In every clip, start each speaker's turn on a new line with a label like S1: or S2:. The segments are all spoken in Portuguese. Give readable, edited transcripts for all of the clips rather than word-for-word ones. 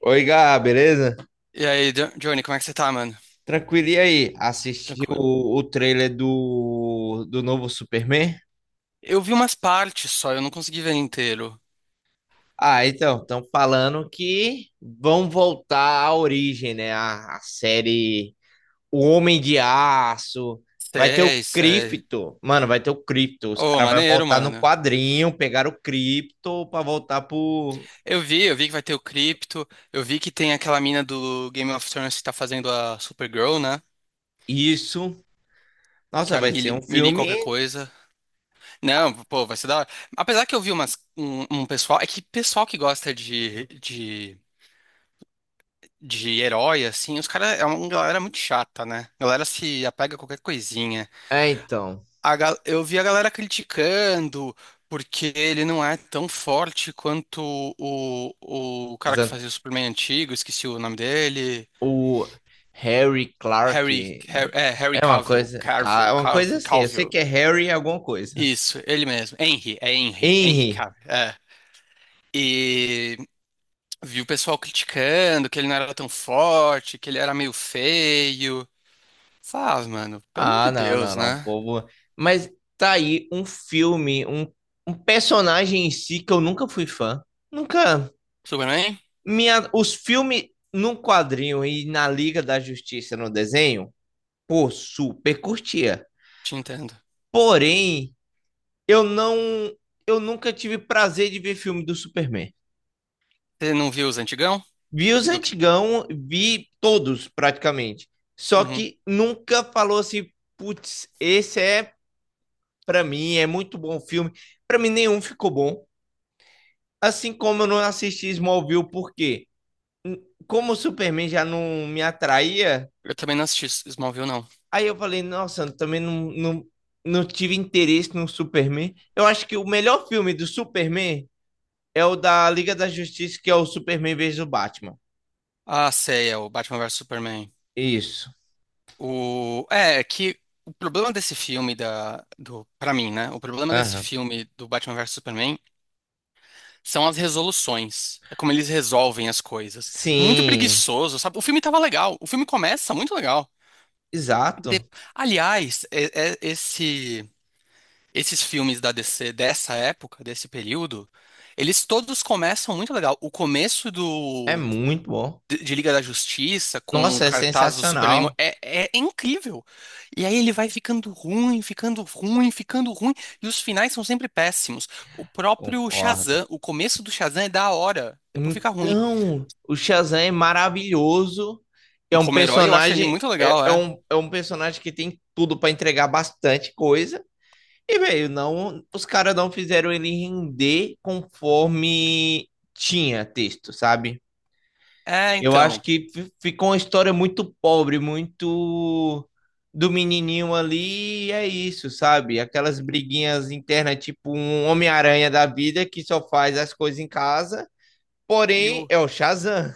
S1: Oi, Gá, beleza?
S2: E aí, Johnny, como é que você tá, mano?
S1: Tranquilo, e aí? Assistiu
S2: Tranquilo.
S1: o trailer do novo Superman?
S2: Eu vi umas partes só, eu não consegui ver inteiro.
S1: Ah, então, estão falando que vão voltar à origem, né? A série O Homem de Aço. Vai ter o
S2: Sei, sei.
S1: Krypto. Mano, vai ter o Krypto. Os
S2: Ô,
S1: caras vão
S2: maneiro,
S1: voltar no
S2: mano.
S1: quadrinho, pegar o Krypto pra voltar por
S2: Eu vi que vai ter o Crypto, eu vi que tem aquela mina do Game of Thrones que tá fazendo a Supergirl, né?
S1: isso.
S2: Que
S1: Nossa,
S2: é a
S1: vai ser
S2: Millie,
S1: um
S2: Millie
S1: filme.
S2: qualquer coisa. Não, pô, vai ser da hora. Apesar que eu vi um pessoal, é que pessoal que gosta de herói, assim, os caras é uma galera muito chata, né? A galera se apega a qualquer coisinha.
S1: É, então.
S2: Eu vi a galera criticando porque ele não é tão forte quanto o cara
S1: os
S2: que
S1: an-
S2: fazia o Superman antigo, esqueci o nome dele.
S1: O Harry Clark.
S2: Harry
S1: É uma coisa, cara, é uma coisa assim. Eu sei que
S2: Calvill.
S1: é Harry alguma coisa.
S2: Isso, ele mesmo. Henry
S1: Henry.
S2: Cavill, é. E vi o pessoal criticando que ele não era tão forte, que ele era meio feio. Faz, mano, pelo amor de
S1: Ah,
S2: Deus,
S1: não,
S2: né?
S1: povo. Mas tá aí um filme, um personagem em si que eu nunca fui fã. Nunca.
S2: Superman?
S1: Minha, os filmes num quadrinho e na Liga da Justiça no desenho, pô, super curtia.
S2: Te entendo.
S1: Porém, eu não, eu nunca tive prazer de ver filme do Superman.
S2: Você não viu os antigão?
S1: Vi os
S2: Do que?
S1: antigão, vi todos praticamente. Só
S2: Uhum.
S1: que nunca falou assim, putz, esse é pra mim, é muito bom o filme. Pra mim nenhum ficou bom. Assim como eu não assisti Smallville, por quê? Como o Superman já não me atraía,
S2: Eu também não assisti Smallville, não.
S1: aí eu falei, nossa, eu também não tive interesse no Superman. Eu acho que o melhor filme do Superman é o da Liga da Justiça, que é o Superman vs o Batman.
S2: Ah, sei, é o Batman vs Superman.
S1: Isso.
S2: É que o problema desse filme pra mim, né? O problema desse
S1: Aham.
S2: filme do Batman vs Superman são as resoluções. É como eles resolvem as coisas. Muito
S1: Sim,
S2: preguiçoso, sabe? O filme tava legal. O filme começa muito legal. De-
S1: exato.
S2: Aliás, esses filmes da DC dessa época, desse período, eles todos começam muito legal. O começo
S1: É
S2: do
S1: muito bom.
S2: de Liga da Justiça, com o
S1: Nossa, é
S2: cartaz do Superman.
S1: sensacional.
S2: É, é incrível. E aí ele vai ficando ruim, ficando ruim, ficando ruim. E os finais são sempre péssimos. O próprio
S1: Concordo.
S2: Shazam, o começo do Shazam é da hora. Depois fica ruim.
S1: Então, o Shazam é maravilhoso. É um
S2: Como herói, eu acho ele
S1: personagem,
S2: muito legal, é.
S1: é um personagem que tem tudo para entregar bastante coisa. E, velho, não, os caras não fizeram ele render conforme tinha texto, sabe?
S2: É,
S1: Eu acho
S2: então.
S1: que ficou uma história muito pobre, muito do menininho ali, e é isso, sabe? Aquelas briguinhas internas, tipo um Homem-Aranha da vida que só faz as coisas em casa,
S2: E
S1: porém
S2: o,
S1: é o Shazam.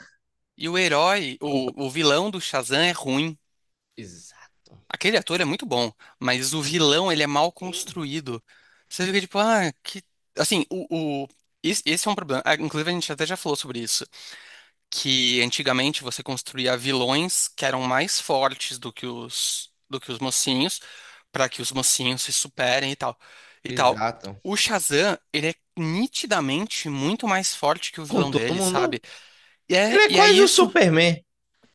S2: e o herói, o vilão do Shazam é ruim.
S1: Exato.
S2: Aquele ator é muito bom, mas o vilão, ele é mal
S1: Sim,
S2: construído. Você fica tipo, ah, que. Assim, esse é um problema. Ah, inclusive, a gente até já falou sobre isso. Que antigamente você construía vilões que eram mais fortes do que os mocinhos, para que os mocinhos se superem e tal. E tal.
S1: exato.
S2: O Shazam, ele é nitidamente muito mais forte que o
S1: Com
S2: vilão
S1: todo
S2: dele,
S1: mundo.
S2: sabe?
S1: Ele é
S2: E é
S1: quase o
S2: isso,
S1: Superman.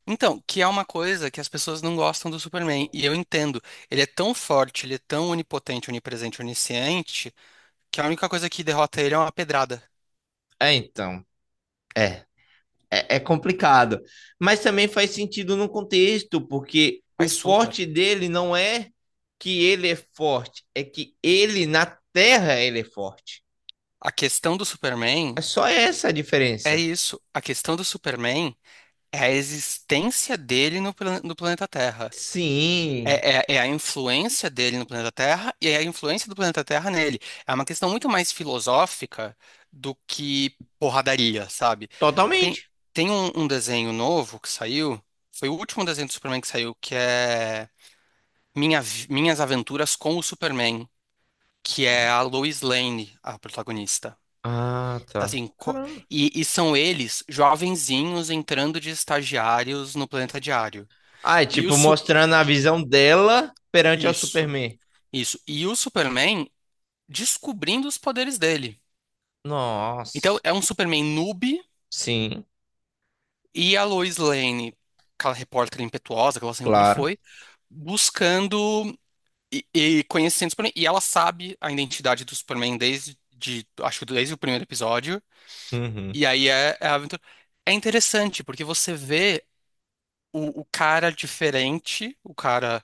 S2: então, que é uma coisa que as pessoas não gostam do Superman, e eu entendo. Ele é tão forte, ele é tão onipotente, onipresente, onisciente, que a única coisa que derrota ele é uma pedrada.
S1: É, então. É. É, é complicado. Mas também faz sentido no contexto, porque o
S2: Mas super.
S1: forte dele não é que ele é forte, é que ele na terra ele é forte.
S2: A questão do
S1: É
S2: Superman
S1: só essa a
S2: é
S1: diferença.
S2: isso. A questão do Superman é a existência dele no, no planeta Terra.
S1: Sim,
S2: É a influência dele no planeta Terra e é a influência do planeta Terra nele. É uma questão muito mais filosófica do que porradaria, sabe? Tem,
S1: totalmente.
S2: Tem um desenho novo que saiu, foi o último desenho do Superman que saiu, que é Minhas Aventuras com o Superman, que é a Lois Lane, a protagonista.
S1: Ah, tá.
S2: Assim, co-
S1: Caramba.
S2: e, e são eles, jovenzinhos, entrando de estagiários no planeta diário.
S1: Ah, é
S2: E o
S1: tipo
S2: su-
S1: mostrando a visão dela perante ao
S2: Isso,
S1: Superman.
S2: isso. E o Superman descobrindo os poderes dele. Então,
S1: Nossa.
S2: é um Superman noob
S1: Sim,
S2: e a Lois Lane, aquela repórter impetuosa que ela sempre
S1: claro.
S2: foi, buscando e conhecendo o Superman. E ela sabe a identidade do Superman acho que desde o primeiro episódio.
S1: Uhum.
S2: E aí é a aventura. É interessante, porque você vê o cara diferente, o cara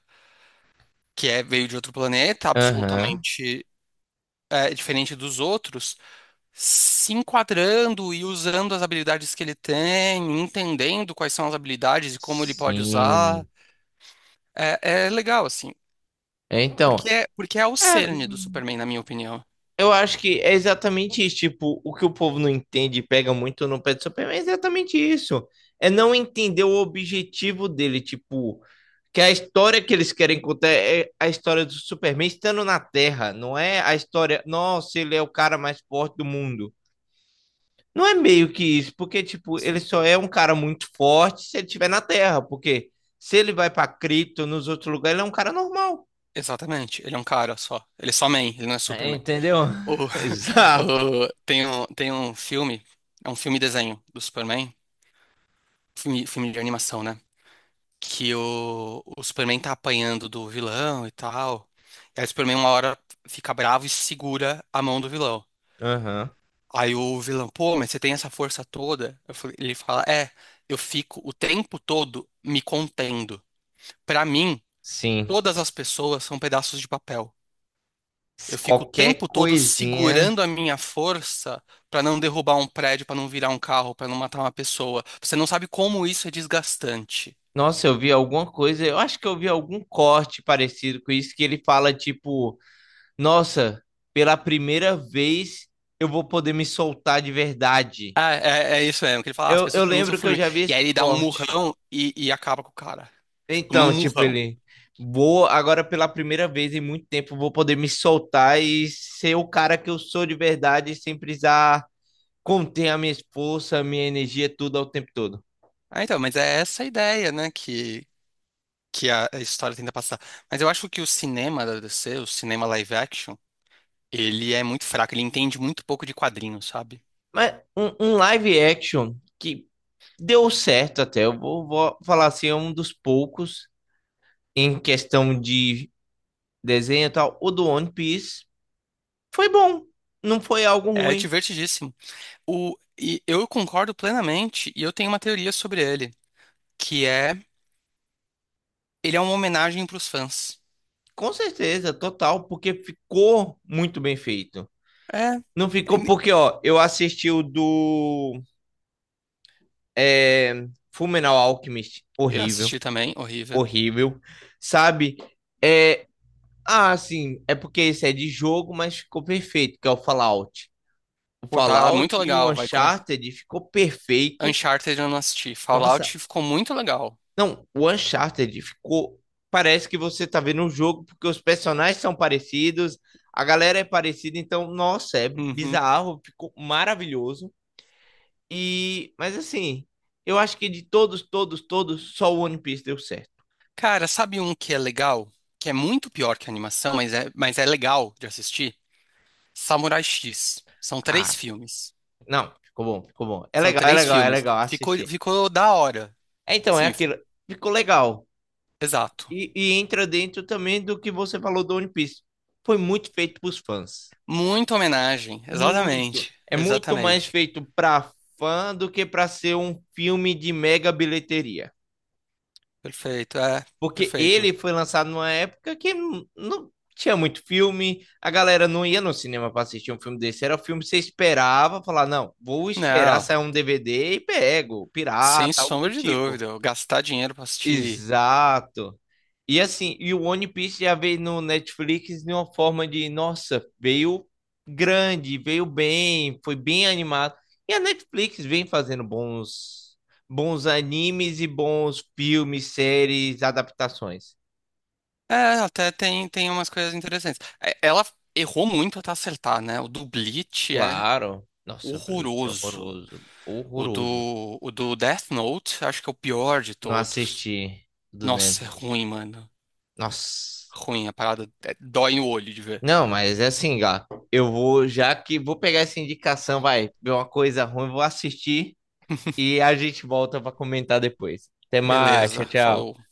S2: que é, veio de outro planeta,
S1: Aham.
S2: absolutamente diferente dos outros. Se enquadrando e usando as habilidades que ele tem, entendendo quais são as habilidades e como ele pode usar.
S1: Sim.
S2: É, é legal, assim.
S1: É, então,
S2: Porque é o
S1: é,
S2: cerne do Superman, na minha opinião.
S1: eu acho que é exatamente isso. Tipo, o que o povo não entende e pega muito no pé do Superman é exatamente isso. É não entender o objetivo dele. Tipo, que a história que eles querem contar é a história do Superman estando na Terra. Não é a história, nossa, ele é o cara mais forte do mundo. Não é meio que isso, porque, tipo, ele
S2: Sim.
S1: só é um cara muito forte se ele estiver na Terra. Porque se ele vai pra Krypton, nos outros lugares, ele é um cara normal.
S2: Exatamente. Ele é um cara só. Ele é só man, ele não é
S1: É,
S2: Superman.
S1: entendeu?
S2: O,
S1: Exato.
S2: tem um filme, é um filme desenho do Superman, filme de animação, né? Que o Superman tá apanhando do vilão e tal. E aí o Superman uma hora fica bravo e segura a mão do vilão.
S1: Aham.
S2: Aí o vilão, pô, mas você tem essa força toda? Ele fala, é, eu fico o tempo todo me contendo. Pra mim,
S1: Sim.
S2: todas as pessoas são pedaços de papel.
S1: Se
S2: Eu fico o
S1: qualquer
S2: tempo todo
S1: coisinha.
S2: segurando a minha força pra não derrubar um prédio, pra não virar um carro, pra não matar uma pessoa. Você não sabe como isso é desgastante.
S1: Nossa, eu vi alguma coisa, eu acho que eu vi algum corte parecido com isso, que ele fala tipo, nossa, pela primeira vez eu vou poder me soltar de verdade.
S2: Ah, é, é isso mesmo, que ele fala, "Ah, as
S1: Eu
S2: pessoas pra mim são
S1: lembro que eu já
S2: formigas."
S1: vi
S2: E aí
S1: esse
S2: ele dá um
S1: corte.
S2: murrão e acaba com o cara. Tipo, num
S1: Então, tipo,
S2: murrão.
S1: ele, vou agora pela primeira vez em muito tempo vou poder me soltar e ser o cara que eu sou de verdade sem precisar conter a minha força, a minha energia, tudo ao tempo todo.
S2: Ah, então, mas é essa a ideia, né, que a a história tenta passar. Mas eu acho que o cinema da DC, o cinema live action, ele é muito fraco, ele entende muito pouco de quadrinhos, sabe?
S1: Mas um live action que deu certo até, vou falar assim, é um dos poucos em questão de desenho e tal. O do One Piece foi bom, não foi algo
S2: É
S1: ruim.
S2: divertidíssimo. O, e eu concordo plenamente, e eu tenho uma teoria sobre ele, que é, ele é uma homenagem pros fãs.
S1: Com certeza, total, porque ficou muito bem feito.
S2: É,
S1: Não ficou porque, ó, eu assisti o do é, Fullmetal Alchemist,
S2: eu
S1: horrível,
S2: assisti também, horrível.
S1: horrível, sabe? É, ah, sim, é porque esse é de jogo, mas ficou perfeito, que é o Fallout. O
S2: Pô, tá muito
S1: Fallout e o
S2: legal, vai começar.
S1: Uncharted ficou perfeito.
S2: Uncharted eu não assisti,
S1: Nossa,
S2: Fallout ficou muito legal.
S1: não, o Uncharted ficou. Parece que você tá vendo um jogo, porque os personagens são parecidos, a galera é parecida, então, nossa, é
S2: Uhum.
S1: bizarro, ficou maravilhoso. E, mas assim, eu acho que de todos, todos, todos, só o One Piece deu certo.
S2: Cara, sabe um que é legal? Que é muito pior que a animação, mas mas é legal de assistir? Samurai X. São três
S1: Ah,
S2: filmes.
S1: não, ficou bom, ficou bom. É
S2: São
S1: legal, é
S2: três
S1: legal, é
S2: filmes.
S1: legal
S2: Ficou,
S1: assistir.
S2: ficou da hora.
S1: É, então, é
S2: Sim,
S1: aquilo, ficou legal.
S2: exato.
S1: E entra dentro também do que você falou do One Piece. Foi muito feito pros fãs.
S2: Muita homenagem.
S1: Muito.
S2: Exatamente.
S1: É muito mais
S2: Exatamente.
S1: feito pra fã do que pra ser um filme de mega bilheteria.
S2: Perfeito, é.
S1: Porque
S2: Perfeito.
S1: ele foi lançado numa época que não tinha muito filme, a galera não ia no cinema pra assistir um filme desse. Era o filme que você esperava, falar, não, vou esperar
S2: Não,
S1: sair um DVD e pego, pirata,
S2: sem
S1: algo do
S2: sombra de
S1: tipo.
S2: dúvida. Eu gastar dinheiro pra assistir.
S1: Exato. E assim, e o One Piece já veio no Netflix de uma forma de, nossa, veio grande, veio bem, foi bem animado. E a Netflix vem fazendo bons, bons animes e bons filmes, séries, adaptações.
S2: É, até tem, tem umas coisas interessantes. É, ela errou muito até acertar, né? O do Bleach é
S1: Claro. Nossa, Bleach é
S2: horroroso.
S1: horroroso, horroroso.
S2: O do Death Note, acho que é o pior de
S1: Não
S2: todos.
S1: assisti do
S2: Nossa, é
S1: Netflix.
S2: ruim, mano.
S1: Nossa.
S2: Ruim, a parada é- dói no olho de ver.
S1: Não, mas é assim, gato. Eu vou, já que vou pegar essa indicação, vai ver uma coisa ruim, vou assistir. E a gente volta para comentar depois. Até mais,
S2: Beleza,
S1: tchau, tchau.
S2: falou.